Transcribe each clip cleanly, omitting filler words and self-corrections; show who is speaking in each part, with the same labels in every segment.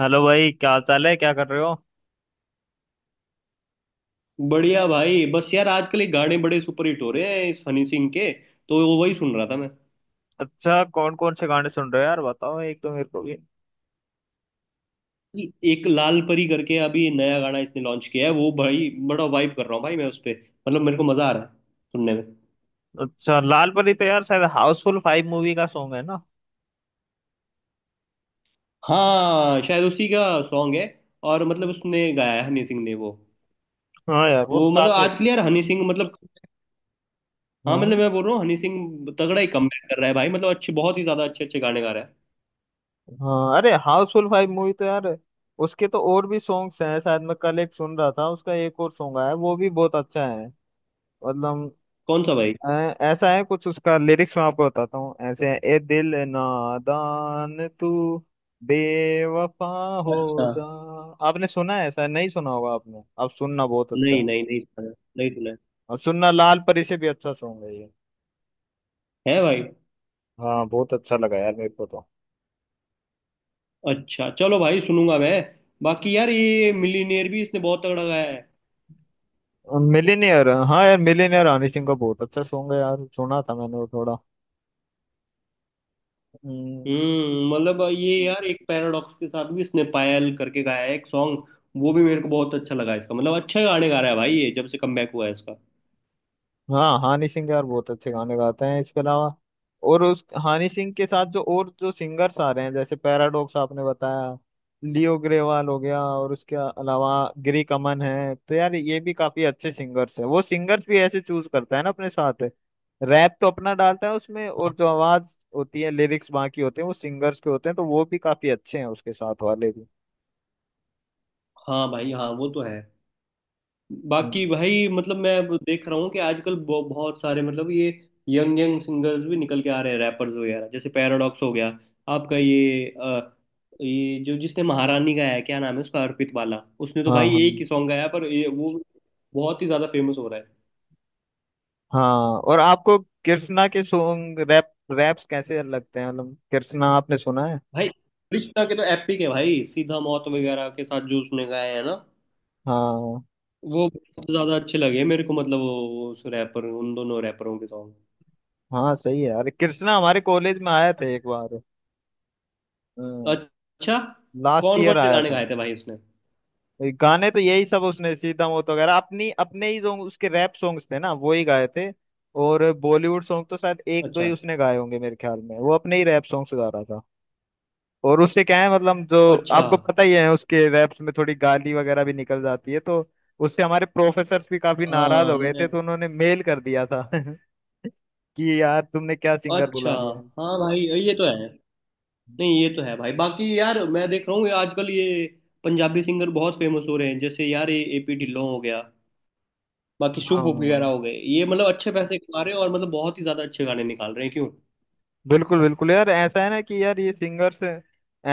Speaker 1: Hello भाई, क्या हाल चाल है? क्या कर रहे हो?
Speaker 2: बढ़िया भाई, बस यार आजकल ये गाने बड़े सुपरहिट हो रहे हैं इस हनी सिंह के। तो वो वही सुन रहा था मैं।
Speaker 1: अच्छा, कौन कौन से गाने सुन रहे हो यार? बताओ एक तो मेरे को भी।
Speaker 2: कि एक लाल परी करके अभी नया गाना इसने लॉन्च किया है, वो भाई बड़ा वाइब कर रहा हूँ भाई मैं उस पे। मतलब मेरे को मजा आ रहा है सुनने में।
Speaker 1: अच्छा, लाल परी तो यार शायद हाउसफुल फाइव मूवी का सॉन्ग है ना?
Speaker 2: हाँ, शायद उसी का सॉन्ग है। और मतलब उसने गाया है हनी सिंह ने वो
Speaker 1: हाँ यार, वो तो
Speaker 2: वो मतलब
Speaker 1: काफी अच्छा
Speaker 2: आजकल
Speaker 1: है।
Speaker 2: यार हनी सिंह मतलब। हाँ मतलब
Speaker 1: हाँ।
Speaker 2: मैं बोल रहा हूँ हनी सिंह तगड़ा ही कमबैक कर रहा है भाई, मतलब अच्छे, बहुत ही ज्यादा अच्छे अच्छे गाने गा रहा है।
Speaker 1: हाँ अरे, हाउसफुल फाइव मूवी तो यार उसके तो और भी सॉन्ग्स हैं। शायद मैं कल एक सुन रहा था, उसका एक और सॉन्ग आया, वो भी बहुत अच्छा है। मतलब
Speaker 2: कौन सा भाई?
Speaker 1: ऐसा है कुछ। उसका लिरिक्स मैं आपको बताता हूँ, ऐसे है, ए दिल नादान तू बेवफा हो
Speaker 2: अच्छा।
Speaker 1: जा। आपने सुना है? ऐसा नहीं सुना होगा आपने, आप सुनना, बहुत अच्छा
Speaker 2: नहीं
Speaker 1: है।
Speaker 2: नहीं नहीं सुना है, नहीं सुना।
Speaker 1: और सुनना, लाल परी से भी अच्छा सॉन्ग है ये।
Speaker 2: है भाई।
Speaker 1: हाँ, बहुत अच्छा लगा यार मेरे को तो।
Speaker 2: अच्छा चलो भाई सुनूंगा मैं। बाकी यार ये मिलीनियर भी इसने बहुत तगड़ा गाया है।
Speaker 1: मिलीनियर, हाँ यार, मिलीनियर हनी सिंह का बहुत अच्छा सॉन्ग है यार, सुना था मैंने वो थोड़ा। हम्म।
Speaker 2: मतलब ये यार एक पैराडॉक्स के साथ भी इसने पायल करके गाया है एक सॉन्ग। वो भी मेरे को बहुत अच्छा लगा इसका, मतलब अच्छे गाने गा रहा है भाई ये जब से कमबैक हुआ है इसका।
Speaker 1: हाँ, हानि सिंह यार बहुत अच्छे गाने गाते हैं। इसके अलावा और उस हानि सिंह के साथ जो और जो सिंगर्स आ रहे हैं, जैसे पैराडॉक्स आपने बताया, लियो ग्रेवाल हो गया, और उसके अलावा गिरी कमन है, तो यार ये भी काफी अच्छे सिंगर्स हैं। वो सिंगर्स भी ऐसे चूज करता है ना अपने साथ, रैप तो अपना डालता है उसमें, और
Speaker 2: हाँ
Speaker 1: जो आवाज होती है, लिरिक्स बाकी होते हैं वो सिंगर्स के होते हैं, तो वो भी काफी अच्छे हैं उसके साथ वाले भी।
Speaker 2: हाँ भाई, हाँ वो तो है। बाकी
Speaker 1: हम्म।
Speaker 2: भाई मतलब मैं अब देख रहा हूँ कि आजकल बहुत सारे मतलब ये यंग यंग सिंगर्स भी निकल के आ रहे हैं, रैपर्स वगैरह जैसे पैराडॉक्स हो गया आपका, ये जो जिसने महारानी गाया है, क्या नाम है उसका, अर्पित वाला, उसने तो
Speaker 1: हाँ
Speaker 2: भाई
Speaker 1: हाँ
Speaker 2: एक ही सॉन्ग गाया पर ये वो बहुत ही ज्यादा फेमस हो रहा है।
Speaker 1: हाँ। और आपको कृष्णा के सॉन्ग, रैप, रैप्स कैसे लगते हैं? मतलब कृष्णा आपने सुना है?
Speaker 2: भाई कृष्णा के तो एपिक है भाई, सीधा मौत वगैरह के साथ जो उसने गाया है ना
Speaker 1: हाँ
Speaker 2: वो बहुत ज्यादा अच्छे लगे मेरे को, मतलब वो उस रैपर उन दोनों रैपरों के सॉन्ग।
Speaker 1: हाँ, सही है। अरे कृष्णा हमारे कॉलेज में आया था एक बार।
Speaker 2: अच्छा,
Speaker 1: लास्ट
Speaker 2: कौन
Speaker 1: ईयर
Speaker 2: कौन से
Speaker 1: आया
Speaker 2: गाने
Speaker 1: था।
Speaker 2: गाए थे भाई उसने?
Speaker 1: ये गाने तो यही सब उसने, सीता मोत वगैरह, अपनी अपने ही सॉन्ग, उसके रैप सॉन्ग्स थे ना, वो ही गाए थे। और बॉलीवुड सॉन्ग तो शायद एक दो
Speaker 2: अच्छा।
Speaker 1: ही उसने गाए होंगे मेरे ख्याल में, वो अपने ही रैप सॉन्ग्स गा रहा था। और उससे क्या है, मतलब जो
Speaker 2: अच्छा।
Speaker 1: आपको पता ही है, उसके रैप्स में थोड़ी गाली वगैरह भी निकल जाती है, तो उससे हमारे प्रोफेसर्स भी काफी नाराज
Speaker 2: हाँ
Speaker 1: हो गए थे, तो उन्होंने मेल कर दिया था कि यार तुमने क्या सिंगर
Speaker 2: अच्छा।
Speaker 1: बुला लिया।
Speaker 2: हाँ भाई ये तो है। नहीं ये तो है भाई, बाकी यार मैं देख रहा हूँ ये आजकल ये पंजाबी सिंगर बहुत फेमस हो रहे हैं, जैसे यार ये एपी ढिल्लों हो गया, बाकी शुभ वगैरह
Speaker 1: हाँ
Speaker 2: हो गए, ये मतलब अच्छे पैसे कमा रहे हैं और मतलब बहुत ही ज्यादा अच्छे गाने निकाल रहे हैं क्यों।
Speaker 1: बिल्कुल बिल्कुल यार, ऐसा है ना कि यार ये सिंगर्स,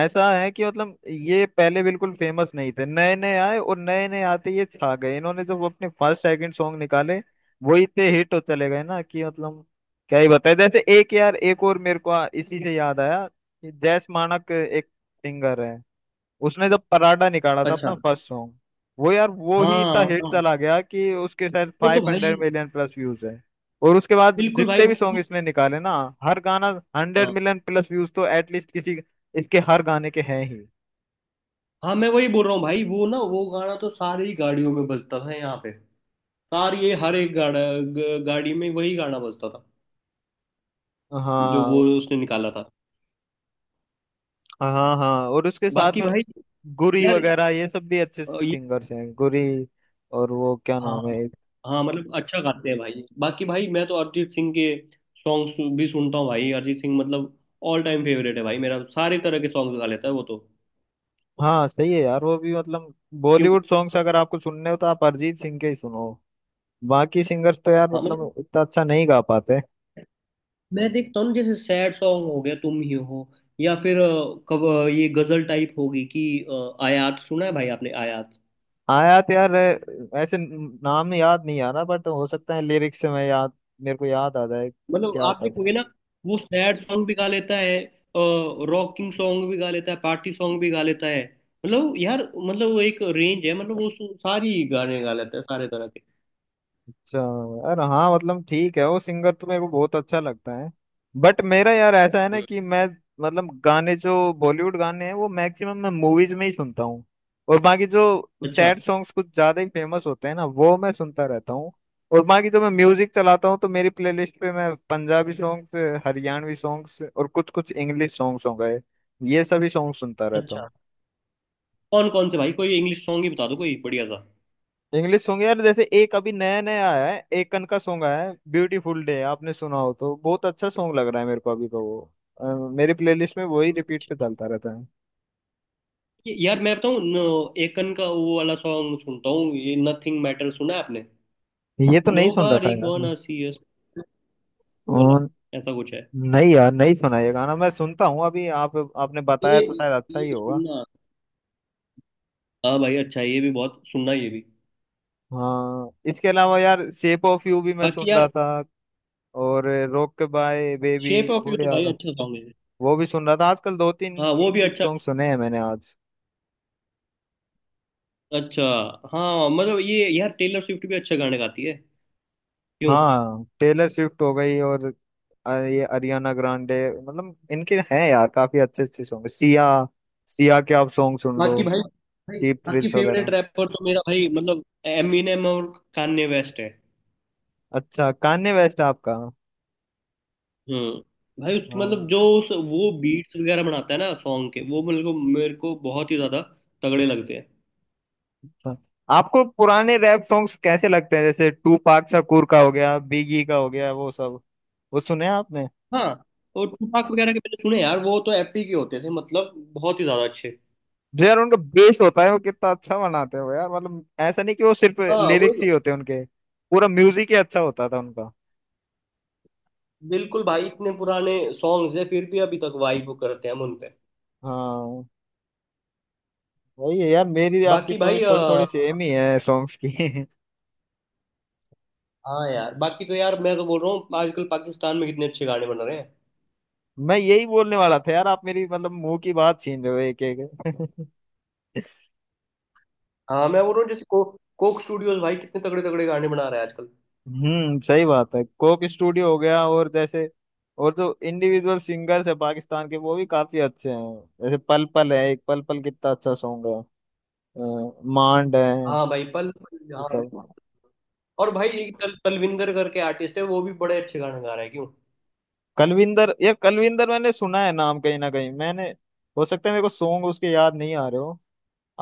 Speaker 1: ऐसा है कि मतलब ये पहले बिल्कुल फेमस नहीं थे, नए नए आए, और नए नए आते ये छा गए। इन्होंने जब अपने फर्स्ट सेकंड सॉन्ग निकाले, वो इतने हिट हो चले गए ना कि मतलब क्या ही बताए। जैसे एक यार, एक और मेरे को इसी से याद आया कि जैस मानक एक सिंगर है, उसने जब पराठा निकाला था अपना
Speaker 2: अच्छा।
Speaker 1: फर्स्ट सॉन्ग, वो यार वो ही इतना
Speaker 2: हाँ
Speaker 1: हिट
Speaker 2: हाँ,
Speaker 1: चला गया कि उसके शायद
Speaker 2: वो तो
Speaker 1: फाइव
Speaker 2: भाई।
Speaker 1: हंड्रेड मिलियन प्लस व्यूज है। और उसके बाद
Speaker 2: बिल्कुल भाई
Speaker 1: जितने भी सॉन्ग इसने निकाले ना, हर गाना हंड्रेड
Speaker 2: हाँ
Speaker 1: मिलियन प्लस व्यूज तो एटलीस्ट किसी, इसके हर गाने के हैं ही।
Speaker 2: हाँ, मैं वही बोल रहा हूँ भाई, वो ना वो गाना तो सारी गाड़ियों में बजता था यहाँ पे। सारी, ये हर एक गाड़ी में वही गाना बजता था जो वो
Speaker 1: हाँ
Speaker 2: उसने निकाला था।
Speaker 1: हाँ हाँ। और उसके साथ
Speaker 2: बाकी
Speaker 1: में
Speaker 2: भाई,
Speaker 1: गुरी
Speaker 2: यार
Speaker 1: वगैरह, ये सब भी अच्छे
Speaker 2: ये।
Speaker 1: सिंगर्स हैं, गुरी और वो क्या
Speaker 2: हाँ
Speaker 1: नाम है एक-।
Speaker 2: हाँ मतलब अच्छा गाते हैं भाई। बाकी भाई मैं तो अरिजीत सिंह के सॉन्ग्स भी सुनता हूँ भाई। अरिजीत सिंह मतलब ऑल टाइम फेवरेट है भाई मेरा, सारे तरह के सॉन्ग गा लेता है वो तो।
Speaker 1: हाँ सही है यार, वो भी मतलब
Speaker 2: क्यों?
Speaker 1: बॉलीवुड सॉन्ग्स अगर आपको सुनने हो तो आप अरिजीत सिंह के ही सुनो। बाकी सिंगर्स तो यार
Speaker 2: हाँ मतलब
Speaker 1: मतलब इतना अच्छा नहीं गा पाते।
Speaker 2: मैं देखता हूँ ना, जैसे सैड सॉन्ग हो गया तुम ही हो, या फिर ये गजल टाइप होगी कि आयात, सुना है भाई आपने आयात?
Speaker 1: आया तो यार, ऐसे नाम याद नहीं आ रहा, बट हो सकता है लिरिक्स से मैं याद, मेरे को याद आ जाए
Speaker 2: मतलब
Speaker 1: क्या
Speaker 2: आप
Speaker 1: था।
Speaker 2: देखोगे ना, वो सैड सॉन्ग भी गा लेता है, रॉकिंग सॉन्ग भी गा लेता है, पार्टी सॉन्ग भी गा लेता है, मतलब यार मतलब वो एक रेंज है, मतलब वो सारी गाने गा लेता है सारे तरह के।
Speaker 1: अच्छा यार, हाँ मतलब ठीक है, वो सिंगर तो मेरे को बहुत अच्छा लगता है, बट मेरा यार ऐसा है ना
Speaker 2: हम्म।
Speaker 1: कि मैं, मतलब गाने जो बॉलीवुड गाने हैं वो मैक्सिमम मैं मूवीज में ही सुनता हूँ। और बाकी जो
Speaker 2: अच्छा।
Speaker 1: सैड सॉन्ग्स कुछ ज्यादा ही फेमस होते हैं ना, वो मैं सुनता रहता हूँ। और बाकी जो मैं म्यूजिक चलाता हूँ तो मेरी प्लेलिस्ट पे मैं पंजाबी सॉन्ग्स, हरियाणवी सॉन्ग्स और कुछ कुछ इंग्लिश सॉन्ग्स हो गए, ये सभी सॉन्ग सुनता रहता
Speaker 2: अच्छा,
Speaker 1: हूँ।
Speaker 2: कौन कौन से भाई? कोई इंग्लिश सॉन्ग ही बता दो कोई बढ़िया सा।
Speaker 1: इंग्लिश सॉन्ग यार, जैसे एक अभी नया नया आया है एकन का सॉन्ग, आया है ब्यूटीफुल डे, आपने सुना हो तो, बहुत अच्छा सॉन्ग लग रहा है मेरे को अभी तो वो। अ, मेरी प्लेलिस्ट में वही रिपीट पे
Speaker 2: अच्छा
Speaker 1: चलता रहता है।
Speaker 2: यार मैं बताऊं एकन का वो वाला सॉन्ग सुनता हूँ ये, नथिंग मैटर सुना है आपने?
Speaker 1: ये तो
Speaker 2: नो
Speaker 1: नहीं सुन रखा
Speaker 2: बारी
Speaker 1: है यार मैंने।
Speaker 2: गोना सी अस,
Speaker 1: अ,
Speaker 2: वो वाला, ऐसा कुछ है।
Speaker 1: नहीं यार, नहीं सुना। ये गाना मैं सुनता हूँ अभी, आप आपने बताया
Speaker 2: ये
Speaker 1: तो शायद अच्छा
Speaker 2: ये
Speaker 1: ही होगा।
Speaker 2: सुनना। हाँ भाई, अच्छा ये भी बहुत सुनना, ये भी।
Speaker 1: हाँ, इसके अलावा यार शेप ऑफ यू भी मैं सुन
Speaker 2: बाकी
Speaker 1: रहा
Speaker 2: यार।
Speaker 1: था, और rockabye baby
Speaker 2: shape of
Speaker 1: वो
Speaker 2: यू तो भाई
Speaker 1: यार,
Speaker 2: अच्छा सॉन्ग है।
Speaker 1: वो भी सुन रहा था। आजकल दो तीन
Speaker 2: हाँ वो भी
Speaker 1: इंग्लिश
Speaker 2: अच्छा।
Speaker 1: सॉन्ग सुने हैं मैंने आज।
Speaker 2: अच्छा। हाँ मतलब ये यार टेलर स्विफ्ट भी अच्छा गाने गाती है क्यों।
Speaker 1: हाँ, टेलर स्विफ्ट हो गई, और ये अरियाना ग्रांडे, मतलब इनके हैं यार काफी अच्छे अच्छे सॉन्ग। सिया, सिया के आप सॉन्ग सुन लो,
Speaker 2: बाकी भाई। भाई।
Speaker 1: चीप
Speaker 2: बाकी
Speaker 1: थ्रिल्स
Speaker 2: फेवरेट
Speaker 1: वगैरह।
Speaker 2: रैपर तो मेरा भाई मतलब एमिनेम और कान्ये वेस्ट है।
Speaker 1: अच्छा, कान्ये वेस्ट आपका?
Speaker 2: हम्म। भाई उसकी, मतलब
Speaker 1: हाँ।
Speaker 2: जो उस वो बीट्स वगैरह बनाता है ना सॉन्ग के, वो मेरे को बहुत ही ज्यादा तगड़े लगते हैं।
Speaker 1: अच्छा। आपको पुराने रैप सॉन्ग्स कैसे लगते हैं? जैसे टू पाक शकूर का हो गया, बिगी का हो गया, वो सब वो सुने हैं आपने?
Speaker 2: हाँ, और टुपाक वगैरह के मैंने सुने यार, वो तो एपिक ही होते थे, मतलब बहुत ही ज्यादा अच्छे।
Speaker 1: जो यार उनका बेस होता है, वो कितना अच्छा बनाते हो यार, मतलब ऐसा नहीं कि वो सिर्फ
Speaker 2: हाँ वो
Speaker 1: लिरिक्स ही होते हैं उनके, पूरा म्यूजिक ही अच्छा होता था उनका।
Speaker 2: बिल्कुल भाई, इतने पुराने सॉन्ग्स है फिर भी अभी तक वाइब करते हैं हम उन पे।
Speaker 1: हाँ, वही है यार, मेरी आपकी
Speaker 2: बाकी भाई
Speaker 1: चॉइस थोड़ी थोड़ी सेम ही है सॉन्ग्स की।
Speaker 2: हाँ यार बाकी तो यार मैं तो बोल रहा हूँ, आजकल पाकिस्तान में कितने अच्छे गाने बन रहे हैं।
Speaker 1: मैं यही बोलने वाला था यार, आप मेरी मतलब मुंह की बात छीन रहे हो एक एक
Speaker 2: हाँ मैं बोल रहा हूँ, जैसे कोक स्टूडियोज भाई कितने तगड़े तगड़े गाने बना रहा है आजकल।
Speaker 1: हम्म, सही बात है, कोक स्टूडियो हो गया, और जैसे और जो इंडिविजुअल सिंगर्स है पाकिस्तान के, वो भी काफी अच्छे हैं। जैसे पल पल है एक, पल पल कितना अच्छा सॉन्ग है। मांड है,
Speaker 2: हाँ भाई पल पल,
Speaker 1: ये
Speaker 2: हाँ।
Speaker 1: सब,
Speaker 2: और भाई एक तलविंदर करके आर्टिस्ट है, वो भी बड़े अच्छे गाने गा रहा है क्यों।
Speaker 1: कलविंदर। ये कलविंदर मैंने सुना है नाम कहीं ना कहीं मैंने। हो सकता है मेरे को सॉन्ग उसके याद नहीं आ रहे हो।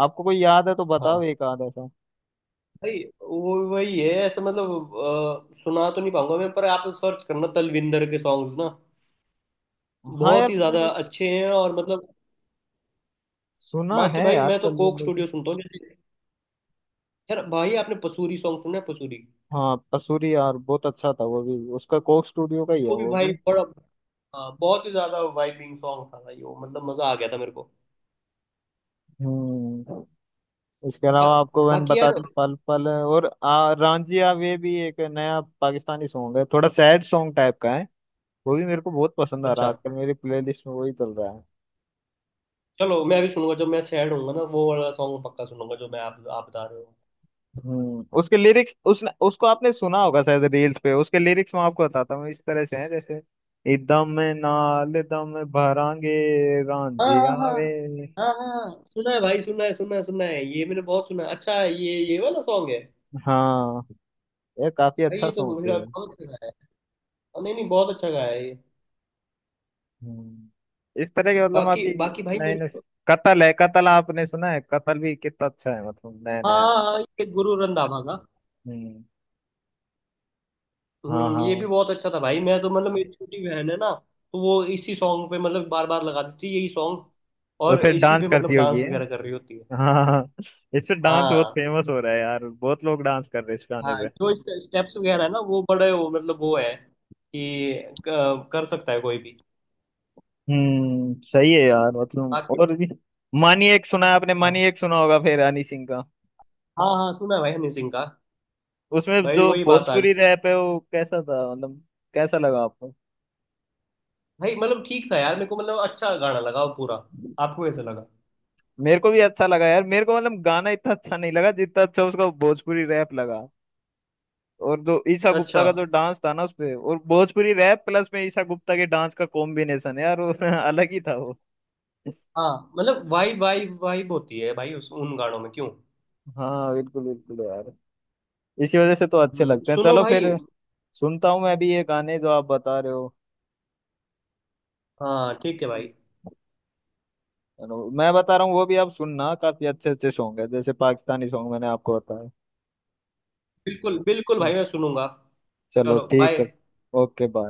Speaker 1: आपको कोई याद है तो बताओ
Speaker 2: हाँ
Speaker 1: एक आध ऐसा।
Speaker 2: भाई वो वही है, ऐसा मतलब सुना तो नहीं पाऊंगा मैं पर आप सर्च करना तलविंदर के सॉन्ग्स ना,
Speaker 1: हाँ
Speaker 2: बहुत
Speaker 1: यार
Speaker 2: ही ज्यादा
Speaker 1: मैंने
Speaker 2: अच्छे हैं और मतलब।
Speaker 1: सुना
Speaker 2: बाकी
Speaker 1: है
Speaker 2: भाई
Speaker 1: यार,
Speaker 2: मैं तो कोक
Speaker 1: कलविंदर।
Speaker 2: स्टूडियो सुनता हूँ। यार भाई आपने पसूरी सॉन्ग सुना है, पसूरी?
Speaker 1: हाँ कसूरी यार, बहुत अच्छा था, वो भी उसका कोक स्टूडियो का ही है
Speaker 2: वो भी
Speaker 1: वो भी।
Speaker 2: भाई बड़ा बहुत ही ज्यादा वाइबिंग सॉन्ग था भाई वो, मतलब मजा आ गया था मेरे को।
Speaker 1: हम्म। इसके
Speaker 2: बा,
Speaker 1: अलावा आपको मैंने
Speaker 2: बाकी
Speaker 1: बता
Speaker 2: यार।
Speaker 1: दिया, पल पल और रांझिया वे भी एक नया पाकिस्तानी सॉन्ग है, थोड़ा सैड सॉन्ग टाइप का है। वो भी मेरे को बहुत पसंद आ रहा
Speaker 2: अच्छा,
Speaker 1: है आजकल, मेरी प्लेलिस्ट में वही चल रहा है।
Speaker 2: चलो मैं भी सुनूंगा, जब मैं सैड होऊंगा ना वो वाला सॉन्ग पक्का सुनूंगा जो मैं आप बता रहे हो।
Speaker 1: हम्म, उसके लिरिक्स, उसने उसको आपने सुना होगा शायद रील्स पे। उसके लिरिक्स मैं आपको बताता हूँ, इस तरह से हैं जैसे, इदम नाल दम भरांगे,
Speaker 2: हाँ
Speaker 1: रांझिया
Speaker 2: हाँ
Speaker 1: वे।
Speaker 2: हाँ हाँ हाँ सुना है भाई, सुना है, सुना है, सुना है, ये मैंने बहुत सुना है। अच्छा, ये वाला सॉन्ग है।
Speaker 1: हाँ, ये काफी
Speaker 2: भाई
Speaker 1: अच्छा
Speaker 2: ये तो
Speaker 1: सॉन्ग है।
Speaker 2: मेरा बहुत अच्छा गाया है, नहीं नहीं बहुत अच्छा गाया है ये।
Speaker 1: हम्म। इस तरह के मतलब
Speaker 2: बाकी
Speaker 1: अभी
Speaker 2: बाकी भाई
Speaker 1: नए
Speaker 2: मेरे
Speaker 1: नए,
Speaker 2: को
Speaker 1: कतल है कतल, आपने सुना है? कतल भी कितना अच्छा है, मतलब नया
Speaker 2: हाँ
Speaker 1: नया है।
Speaker 2: हाँ, हाँ, ये गुरु रंधावा का।
Speaker 1: हम्म। हाँ
Speaker 2: ये भी
Speaker 1: हाँ।
Speaker 2: बहुत अच्छा था भाई, मैं तो मतलब मेरी छोटी बहन है ना, तो वो इसी सॉन्ग पे मतलब बार बार लगा देती है यही सॉन्ग,
Speaker 1: तो
Speaker 2: और
Speaker 1: फिर
Speaker 2: इसी
Speaker 1: डांस
Speaker 2: पे मतलब
Speaker 1: करती होगी
Speaker 2: डांस
Speaker 1: है।
Speaker 2: वगैरह कर रही होती है।
Speaker 1: हाँ हाँ हाँ। इस पे डांस बहुत
Speaker 2: हाँ
Speaker 1: फेमस हो रहा है यार, बहुत लोग डांस कर रहे हैं इस गाने
Speaker 2: हाँ,
Speaker 1: पे।
Speaker 2: जो स्टेप्स वगैरह है ना, वो बड़े, वो मतलब वो है कि कर सकता है कोई भी।
Speaker 1: हम्म, सही है यार, मतलब
Speaker 2: बाकी।
Speaker 1: और भी। मानी एक सुना है आपने?
Speaker 2: हाँ
Speaker 1: मानी एक सुना होगा फिर, हनी सिंह का।
Speaker 2: हाँ सुना है भाई हनी सिंह का।
Speaker 1: उसमें
Speaker 2: भाई
Speaker 1: जो
Speaker 2: वही बात आ गई।
Speaker 1: भोजपुरी रैप है वो कैसा था, मतलब कैसा लगा आपको?
Speaker 2: भाई मतलब ठीक था यार मेरे को, मतलब अच्छा गाना लगा वो पूरा। आपको कैसा लगा?
Speaker 1: मेरे को भी अच्छा लगा यार, मेरे को मतलब गाना इतना अच्छा नहीं लगा जितना अच्छा उसका भोजपुरी रैप लगा। और जो ईशा गुप्ता
Speaker 2: अच्छा।
Speaker 1: का जो डांस था ना उसपे, और भोजपुरी रैप प्लस में ईशा गुप्ता के डांस का कॉम्बिनेशन यार वो अलग ही था वो।
Speaker 2: हाँ मतलब वाइब वाइब वाइब होती है भाई उस उन गानों में क्यों।
Speaker 1: हाँ बिल्कुल बिल्कुल यार, इसी वजह से तो अच्छे लगते हैं।
Speaker 2: सुनो
Speaker 1: चलो
Speaker 2: भाई।
Speaker 1: फिर, सुनता हूँ मैं भी ये गाने जो आप बता रहे हो।
Speaker 2: हाँ ठीक है भाई।
Speaker 1: चलो, मैं बता रहा हूँ वो भी आप सुनना, काफी अच्छे अच्छे सॉन्ग है जैसे पाकिस्तानी सॉन्ग मैंने आपको बताया।
Speaker 2: बिल्कुल बिल्कुल भाई मैं सुनूंगा।
Speaker 1: चलो
Speaker 2: चलो
Speaker 1: ठीक
Speaker 2: बाय।
Speaker 1: है। Okay bye.